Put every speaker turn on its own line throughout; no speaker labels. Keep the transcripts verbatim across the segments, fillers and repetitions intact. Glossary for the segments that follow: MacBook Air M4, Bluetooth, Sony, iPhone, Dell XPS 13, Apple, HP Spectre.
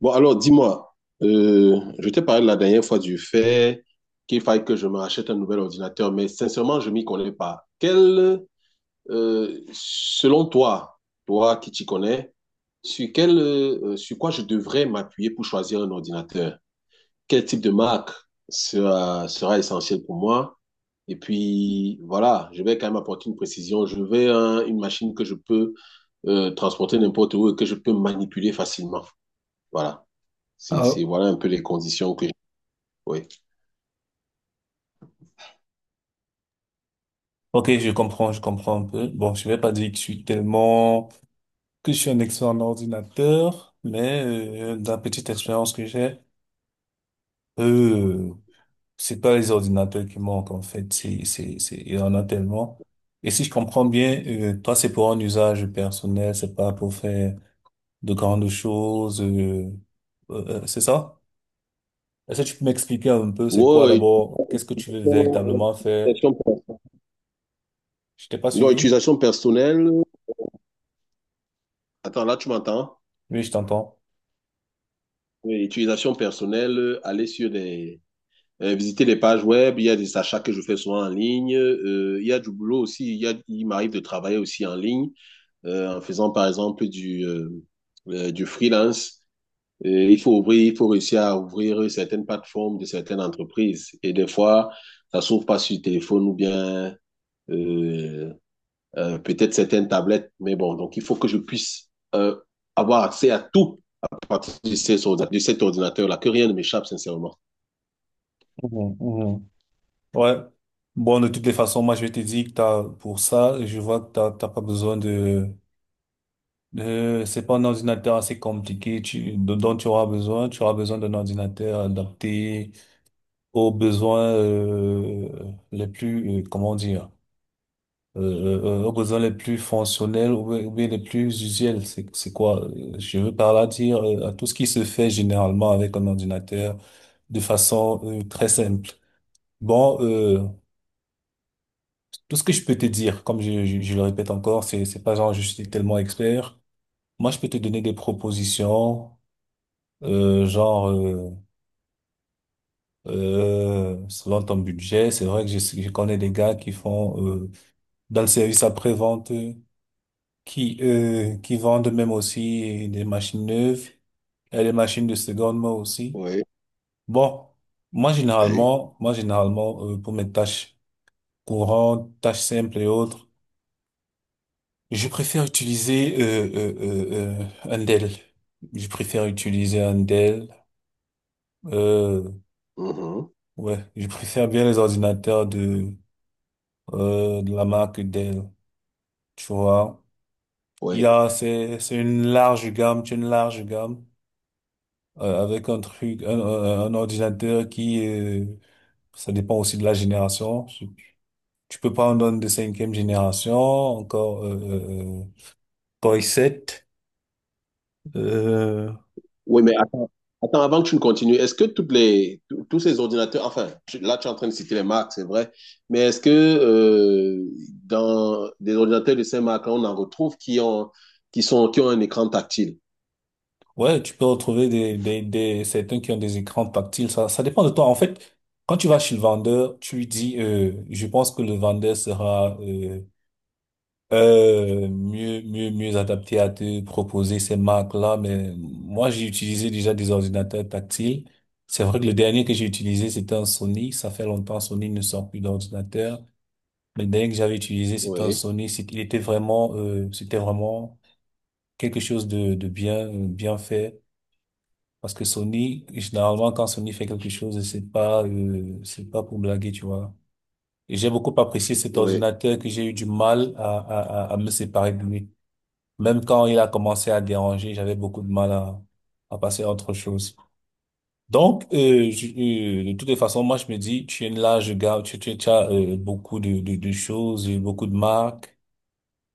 Bon, alors dis-moi, euh, je t'ai parlé la dernière fois du fait qu'il faille que je me rachète un nouvel ordinateur, mais sincèrement, je m'y connais pas. Quel, euh, selon toi, toi qui t'y connais, sur quel, euh, sur quoi je devrais m'appuyer pour choisir un ordinateur? Quel type de marque sera, sera essentiel pour moi? Et puis, voilà, je vais quand même apporter une précision. Je veux un- une machine que je peux euh, transporter n'importe où et que je peux manipuler facilement. Voilà. C'est,
Ah,
c'est, voilà un peu les conditions que j'ai. Ouais.
ok, je comprends, je comprends un peu. Bon, je vais pas dire que je suis tellement, que je suis un expert en ordinateur, mais euh, dans la petite expérience que j'ai, euh, c'est pas les ordinateurs qui manquent, en fait. C'est, c'est, c'est, il y en a tellement. Et si je comprends bien, euh, toi, c'est pour un usage personnel, c'est pas pour faire de grandes choses, euh, euh, euh, c'est ça? Est-ce que tu peux m'expliquer un peu c'est quoi
Ouais,
d'abord? Qu'est-ce que tu veux
utilisation
véritablement faire?
utilisation personnelle.
Je t'ai pas
Donc,
suivi?
utilisation personnelle. Attends, là, tu m'entends?
Oui, je t'entends.
Oui, utilisation personnelle, euh, aller sur des. Euh, visiter les pages web, il y a des achats que je fais souvent en ligne, euh, il y a du boulot aussi, il y a, il m'arrive de travailler aussi en ligne, euh, en faisant par exemple du, euh, euh, du freelance. Et il faut ouvrir, il faut réussir à ouvrir certaines plateformes de certaines entreprises. Et des fois, ça s'ouvre pas sur téléphone ou bien euh, euh, peut-être certaines tablettes. Mais bon, donc il faut que je puisse euh, avoir accès à tout à partir de, ces de cet ordinateur-là, que rien ne m'échappe, sincèrement.
Mhm, mhm. Ouais. Bon, de toutes les façons, moi, je te dis que t'as, pour ça, je vois que t'as, t'as pas besoin de, de, c'est pas un ordinateur assez compliqué tu, de- dont tu auras besoin. Tu auras besoin d'un ordinateur adapté aux besoins, euh, les plus, euh, comment dire, euh, euh, euh, aux besoins les plus fonctionnels ou bien ou bien les plus usuels. C'est, c'est quoi? euh, Je veux par là dire, euh, à tout ce qui se fait généralement avec un ordinateur de façon, euh, très simple. Bon, euh, tout ce que je peux te dire, comme je, je, je le répète encore, c'est, c'est pas genre je suis tellement expert. Moi, je peux te donner des propositions, euh, genre euh, euh, selon ton budget. C'est vrai que je, je connais des gars qui font euh, dans le service après-vente, euh, qui euh, qui vendent même aussi des machines neuves et des machines de seconde main aussi.
Oui,
Bon, moi
oui.
généralement, moi généralement euh, pour mes tâches courantes, tâches simples et autres. Je préfère utiliser euh, euh, euh, euh, Andel. Je préfère utiliser Andel. Euh,
Mhm.
ouais, je préfère bien les ordinateurs de euh, de la marque Dell. Tu vois, il y
Oui.
a c'est c'est une large gamme, c'est une large gamme euh, avec un truc, un, un- un ordinateur qui euh, ça dépend aussi de la génération. Tu peux prendre un de cinquième génération, encore euh, euh, Core i sept.
Oui, mais attends, attends, avant que tu ne continues, est-ce que toutes les, tous tous ces ordinateurs, enfin, tu- là tu es en train de citer les marques, c'est vrai, mais est-ce que euh, dans des ordinateurs de ces marques-là, on en retrouve qui ont, qui sont, qui ont un écran tactile?
Ouais, tu peux retrouver des, des, des, certains qui ont des écrans tactiles. Ça, ça dépend de toi. En fait, quand tu vas chez le vendeur, tu lui dis, euh, je pense que le vendeur sera, euh, euh, mieux, mieux, mieux adapté à te proposer ces marques-là. Mais moi, j'ai utilisé déjà des ordinateurs tactiles. C'est vrai que le dernier que j'ai utilisé, c'était un Sony. Ça fait longtemps, Sony ne sort plus d'ordinateur. Mais le dernier que j'avais utilisé, c'était un
Oui,
Sony. C'est- Il était vraiment, euh, c'était vraiment quelque chose de, de bien, bien fait. Parce que Sony, généralement, quand Sony fait quelque chose, c'est pas, euh, c'est pas pour blaguer, tu vois. Et j'ai beaucoup apprécié cet
oui,
ordinateur que j'ai eu du mal à, à, à à me séparer de lui. Même quand il a commencé à déranger, j'avais beaucoup de mal à, à passer à autre chose. Donc, euh, je- euh, de toutes les façons, moi, je me dis, tu es là, je garde, tu, tu, tu as euh, beaucoup de, de, de choses, euh, beaucoup de marques.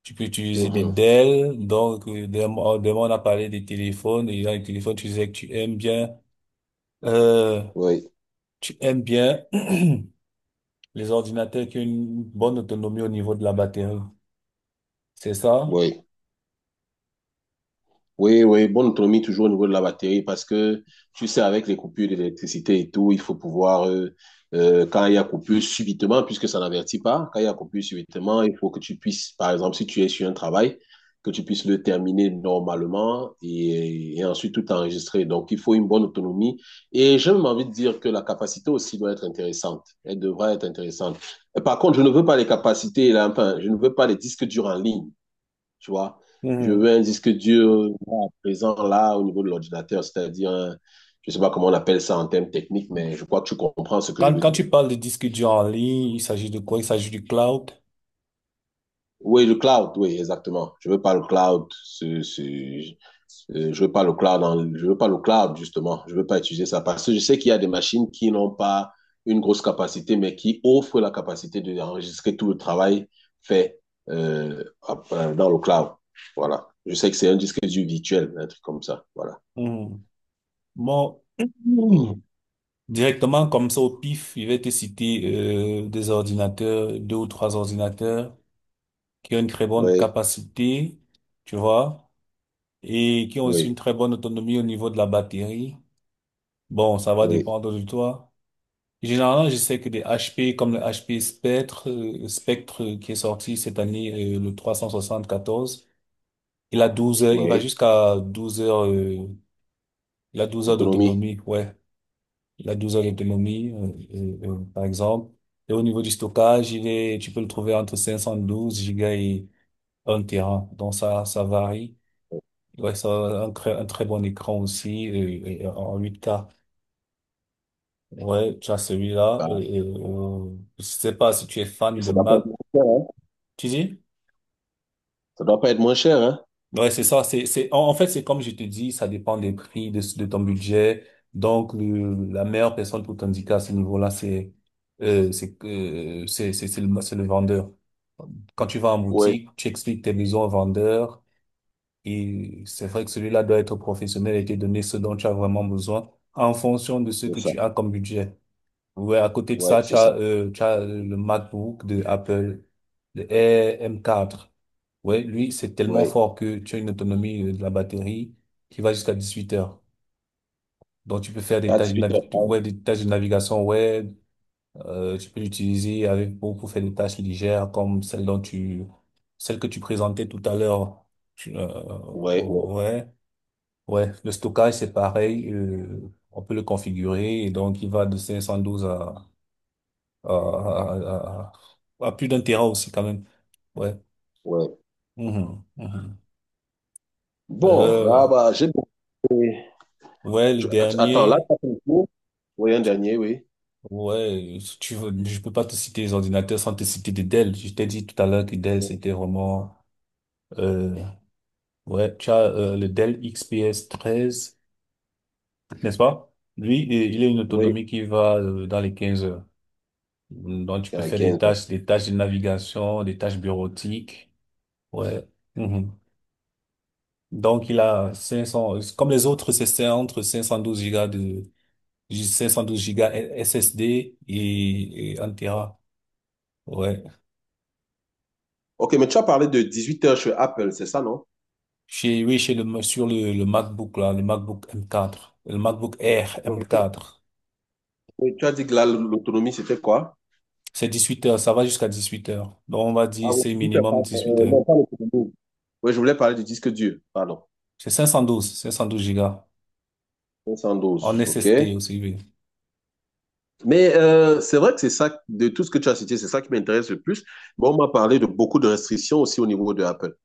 Tu peux utiliser des
mhm,
Dell. Donc, euh, demain, demain, on a parlé des téléphones. Et là, les téléphones, tu disais que tu aimes bien. Euh,
oui,
Tu aimes bien les ordinateurs qui ont une bonne autonomie au niveau de la batterie, c'est ça?
oui. Oui, oui, bonne autonomie toujours au niveau de la batterie parce que tu sais, avec les coupures d'électricité et tout, il faut pouvoir, euh, euh, quand il y a coupure subitement, puisque ça n'avertit pas, quand il y a coupure subitement, il faut que tu puisses, par exemple, si tu es sur un travail, que tu puisses le terminer normalement et, et ensuite tout enregistrer. Donc, il faut une bonne autonomie. Et j'ai même envie de dire que la capacité aussi doit être intéressante. Elle devrait être intéressante. Par contre, je ne veux pas les capacités, là, enfin, je ne veux pas les disques durs en ligne. Tu vois, je veux
Mhm.
un disque dur là, à présent là au niveau de l'ordinateur, c'est-à-dire, un- je sais pas comment on appelle ça en termes techniques, mais je crois que tu comprends ce que je
Quand,
veux
quand
dire.
tu parles de disque dur en ligne, il s'agit de quoi? Il s'agit du cloud.
Oui, le cloud, oui, exactement. Je veux pas le cloud, ce, ce- euh, je veux pas le cloud, en- je veux pas le cloud justement. Je veux pas utiliser ça parce que je sais qu'il y a des machines qui n'ont pas une grosse capacité, mais qui offrent la capacité d'enregistrer tout le travail fait euh, à- dans le cloud. Voilà. Je sais que c'est un disque dur virtuel, un truc comme ça. Voilà.
Mhm. Bon.
Mhm.
Mhm. Directement comme ça au pif, il va te citer euh, des ordinateurs, deux ou trois ordinateurs qui ont une très bonne
Oui,
capacité, tu vois, et qui ont aussi
oui,
une très bonne autonomie au niveau de la batterie. Bon, ça va
oui,
dépendre de toi. Généralement, je sais que des H P comme le H P Spectre, euh, Spectre euh, qui est sorti cette année, euh, le quatorze, il a douze heures, il va
oui.
jusqu'à douze heures, euh, il a douze heures
L'autonomie.
d'autonomie, ouais. Il a douze heures d'autonomie, euh, euh, euh, par exemple. Et au niveau du stockage, il est, tu peux le trouver entre cinq cent douze gigas et un téra. Donc ça, ça varie. Ouais, ça a un très, un très bon écran aussi, euh, euh, en huit k. Ouais, tu as celui-là.
Ah,
Euh, euh, euh, je sais pas si tu es
et
fan de
ça doit pas être
Mac.
moins cher, hein?
Tu dis?
Ça doit pas être moins cher, hein?
Ouais, c'est ça. C'est, c'est, en, en fait, c'est comme je te dis, ça dépend des prix, de, de ton budget. Donc, le- la meilleure personne pour t'indiquer à ce niveau-là, c'est, euh, c'est, euh, c'est, c'est, c'est le, c'est le vendeur. Quand tu vas en
Oui,
boutique, tu expliques tes besoins au vendeur et c'est vrai que celui-là doit être professionnel et te donner ce dont tu as vraiment besoin en fonction de ce
c'est
que
ça.
tu as comme budget. Ouais, à côté de
Oui,
ça, tu
c'est ça.
as, euh, tu as euh, le MacBook de Apple, le Air M quatre. Ouais, lui, c'est tellement
Oui.
fort que tu as une autonomie euh, de la batterie qui va jusqu'à dix-huit heures. Donc, tu peux faire des
À
tâches de,
dix-huit heures.
navi-
trente.
ouais, des tâches de navigation web. Euh, tu peux l'utiliser avec pour, pour faire des tâches légères comme celle dont tu, celle que tu présentais tout à l'heure. Tu- euh,
Oui, oui,
oh, ouais, ouais. Le stockage, c'est pareil. Euh, on peut le configurer et donc il va de cinq cent douze à euh, à, à- à plus d'un terrain aussi quand même. Ouais.
oui.
Mhm, mhm.
Bon,
Euh,
ah bah, j'ai demandé-
ouais, le
tu- att- attends, là,
dernier.
tu as fait le tour. Oui, un dernier, oui.
Ouais, si tu veux, je peux pas te citer les ordinateurs sans te citer des Dell. Je t'ai dit tout à l'heure que Dell, c'était vraiment, euh, ouais, tu as, euh, le Dell X P S treize, n'est-ce pas? Lui, il il a une
Oui,
autonomie qui va, euh, dans les quinze heures. Donc, tu peux
à
faire des
15 heures.
tâches, des tâches de navigation, des tâches bureautiques. Ouais. Mhm. Donc, il a cinq cents, comme les autres, c'est c'est entre cinq cent douze Go de, cinq cent douze gigas S S D et, et un Tera. Ouais.
OK, mais tu as parlé de dix-huit heures chez Apple, c'est ça, non?
Chez, oui, chez le, sur le, le MacBook, là, le MacBook M quatre, le MacBook Air
Oui.
M quatre.
Oui, tu as dit que là, l'autonomie, c'était quoi?
C'est dix-huit heures, ça va jusqu'à dix-huit heures. Donc, on va dire,
Ah oui,
c'est
huit heures,
minimum
pardon.
dix-huit
Euh,
heures.
non, pas l'autonomie. Oui, je voulais parler du disque dur, pardon.
C'est cinq cent douze, cinq cent douze Go
cinq cent douze,
en
OK.
S S D aussi, oui.
Mais euh, c'est vrai que c'est ça, de tout ce que tu as cité, c'est ça qui m'intéresse le plus. Bon, on m'a parlé de beaucoup de restrictions aussi au niveau de Apple.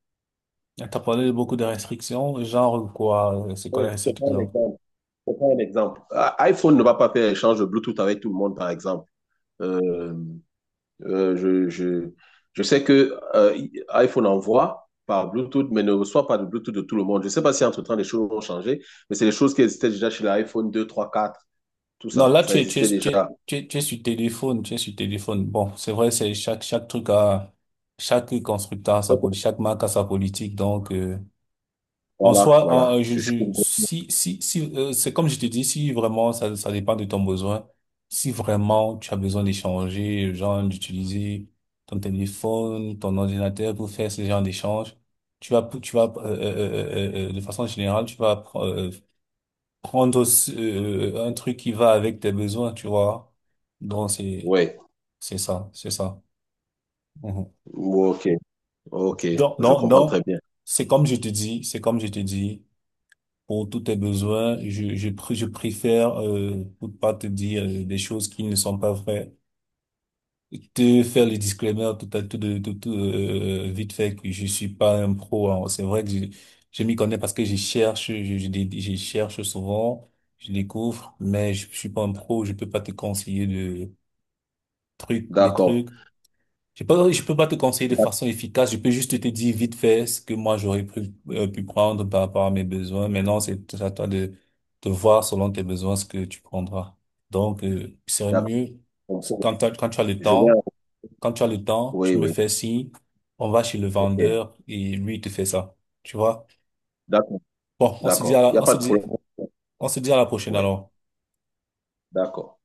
T'as parlé de beaucoup de restrictions, genre quoi, euh, c'est quoi
Oui,
les
je te prends un
restrictions?
exemple. Je te prends un exemple. Ah, iPhone ne va pas faire échange de Bluetooth avec tout le monde, par exemple. Euh, euh, je, je, je sais que euh, iPhone envoie par Bluetooth, mais ne reçoit pas de Bluetooth de tout le monde. Je ne sais pas si entre-temps les choses ont changé, mais c'est des choses qui existaient déjà chez l'iPhone deux, trois, quatre, tout
Non,
ça.
là,
Ça
tu es, tu es,
existait
tu
déjà.
es, tu es, tu es sur téléphone, tu es sur téléphone. Bon, c'est vrai, c'est chaque, chaque truc a, chaque constructeur a sa
Ouais,
politique, chaque marque a sa politique. Donc, euh, en
voilà,
soi, en-
voilà.
euh, je,
C'est ce que-
je, si, si, si, euh, c'est comme je te dis, si vraiment ça, ça dépend de ton besoin, si vraiment tu as besoin d'échanger, genre d'utiliser ton téléphone, ton ordinateur pour faire ce genre d'échange, tu vas, tu vas, euh, euh, euh, euh, euh, de façon générale, tu vas, euh, prendre aussi, euh, un truc qui va avec tes besoins, tu vois. Donc, c'est,
ouais.
c'est ça, c'est ça. Mhm.
Bon, ok. Ok,
Donc,
je
non,
comprends très
non,
bien.
c'est comme je te dis, c'est comme je te dis, pour tous tes besoins, je, je, pr- je préfère, euh, pour pas te dire euh, des choses qui ne sont pas vraies, te faire le disclaimer tout à tout, de, tout, tout, euh, vite fait que je suis pas un pro, hein. C'est vrai que je, je m'y connais parce que je cherche, je, je, dé- je cherche souvent, je découvre, mais je, je suis pas un pro, je peux pas te conseiller trucs, des
D'accord.
trucs. Je peux, je peux pas te conseiller de
D'ac-
façon efficace. Je peux juste te dire vite fait ce que moi j'aurais pu, euh, pu prendre par rapport à mes besoins. Maintenant, c'est à toi de, de voir selon tes besoins ce que tu prendras. Donc, euh, il serait
d'accord.
mieux
Je comprends.
quand t'as- quand tu as le
Je vais.
temps, quand tu as le temps,
Oui,
tu me
oui.
fais signe, on va chez le
Ok.
vendeur et lui il te fait ça. Tu vois?
D'accord.
Bon, on se dit à
D'accord. Il n'y
la,
a
on
pas
se
de
dit,
problème.
on se dit à la prochaine
Oui.
alors.
D'accord.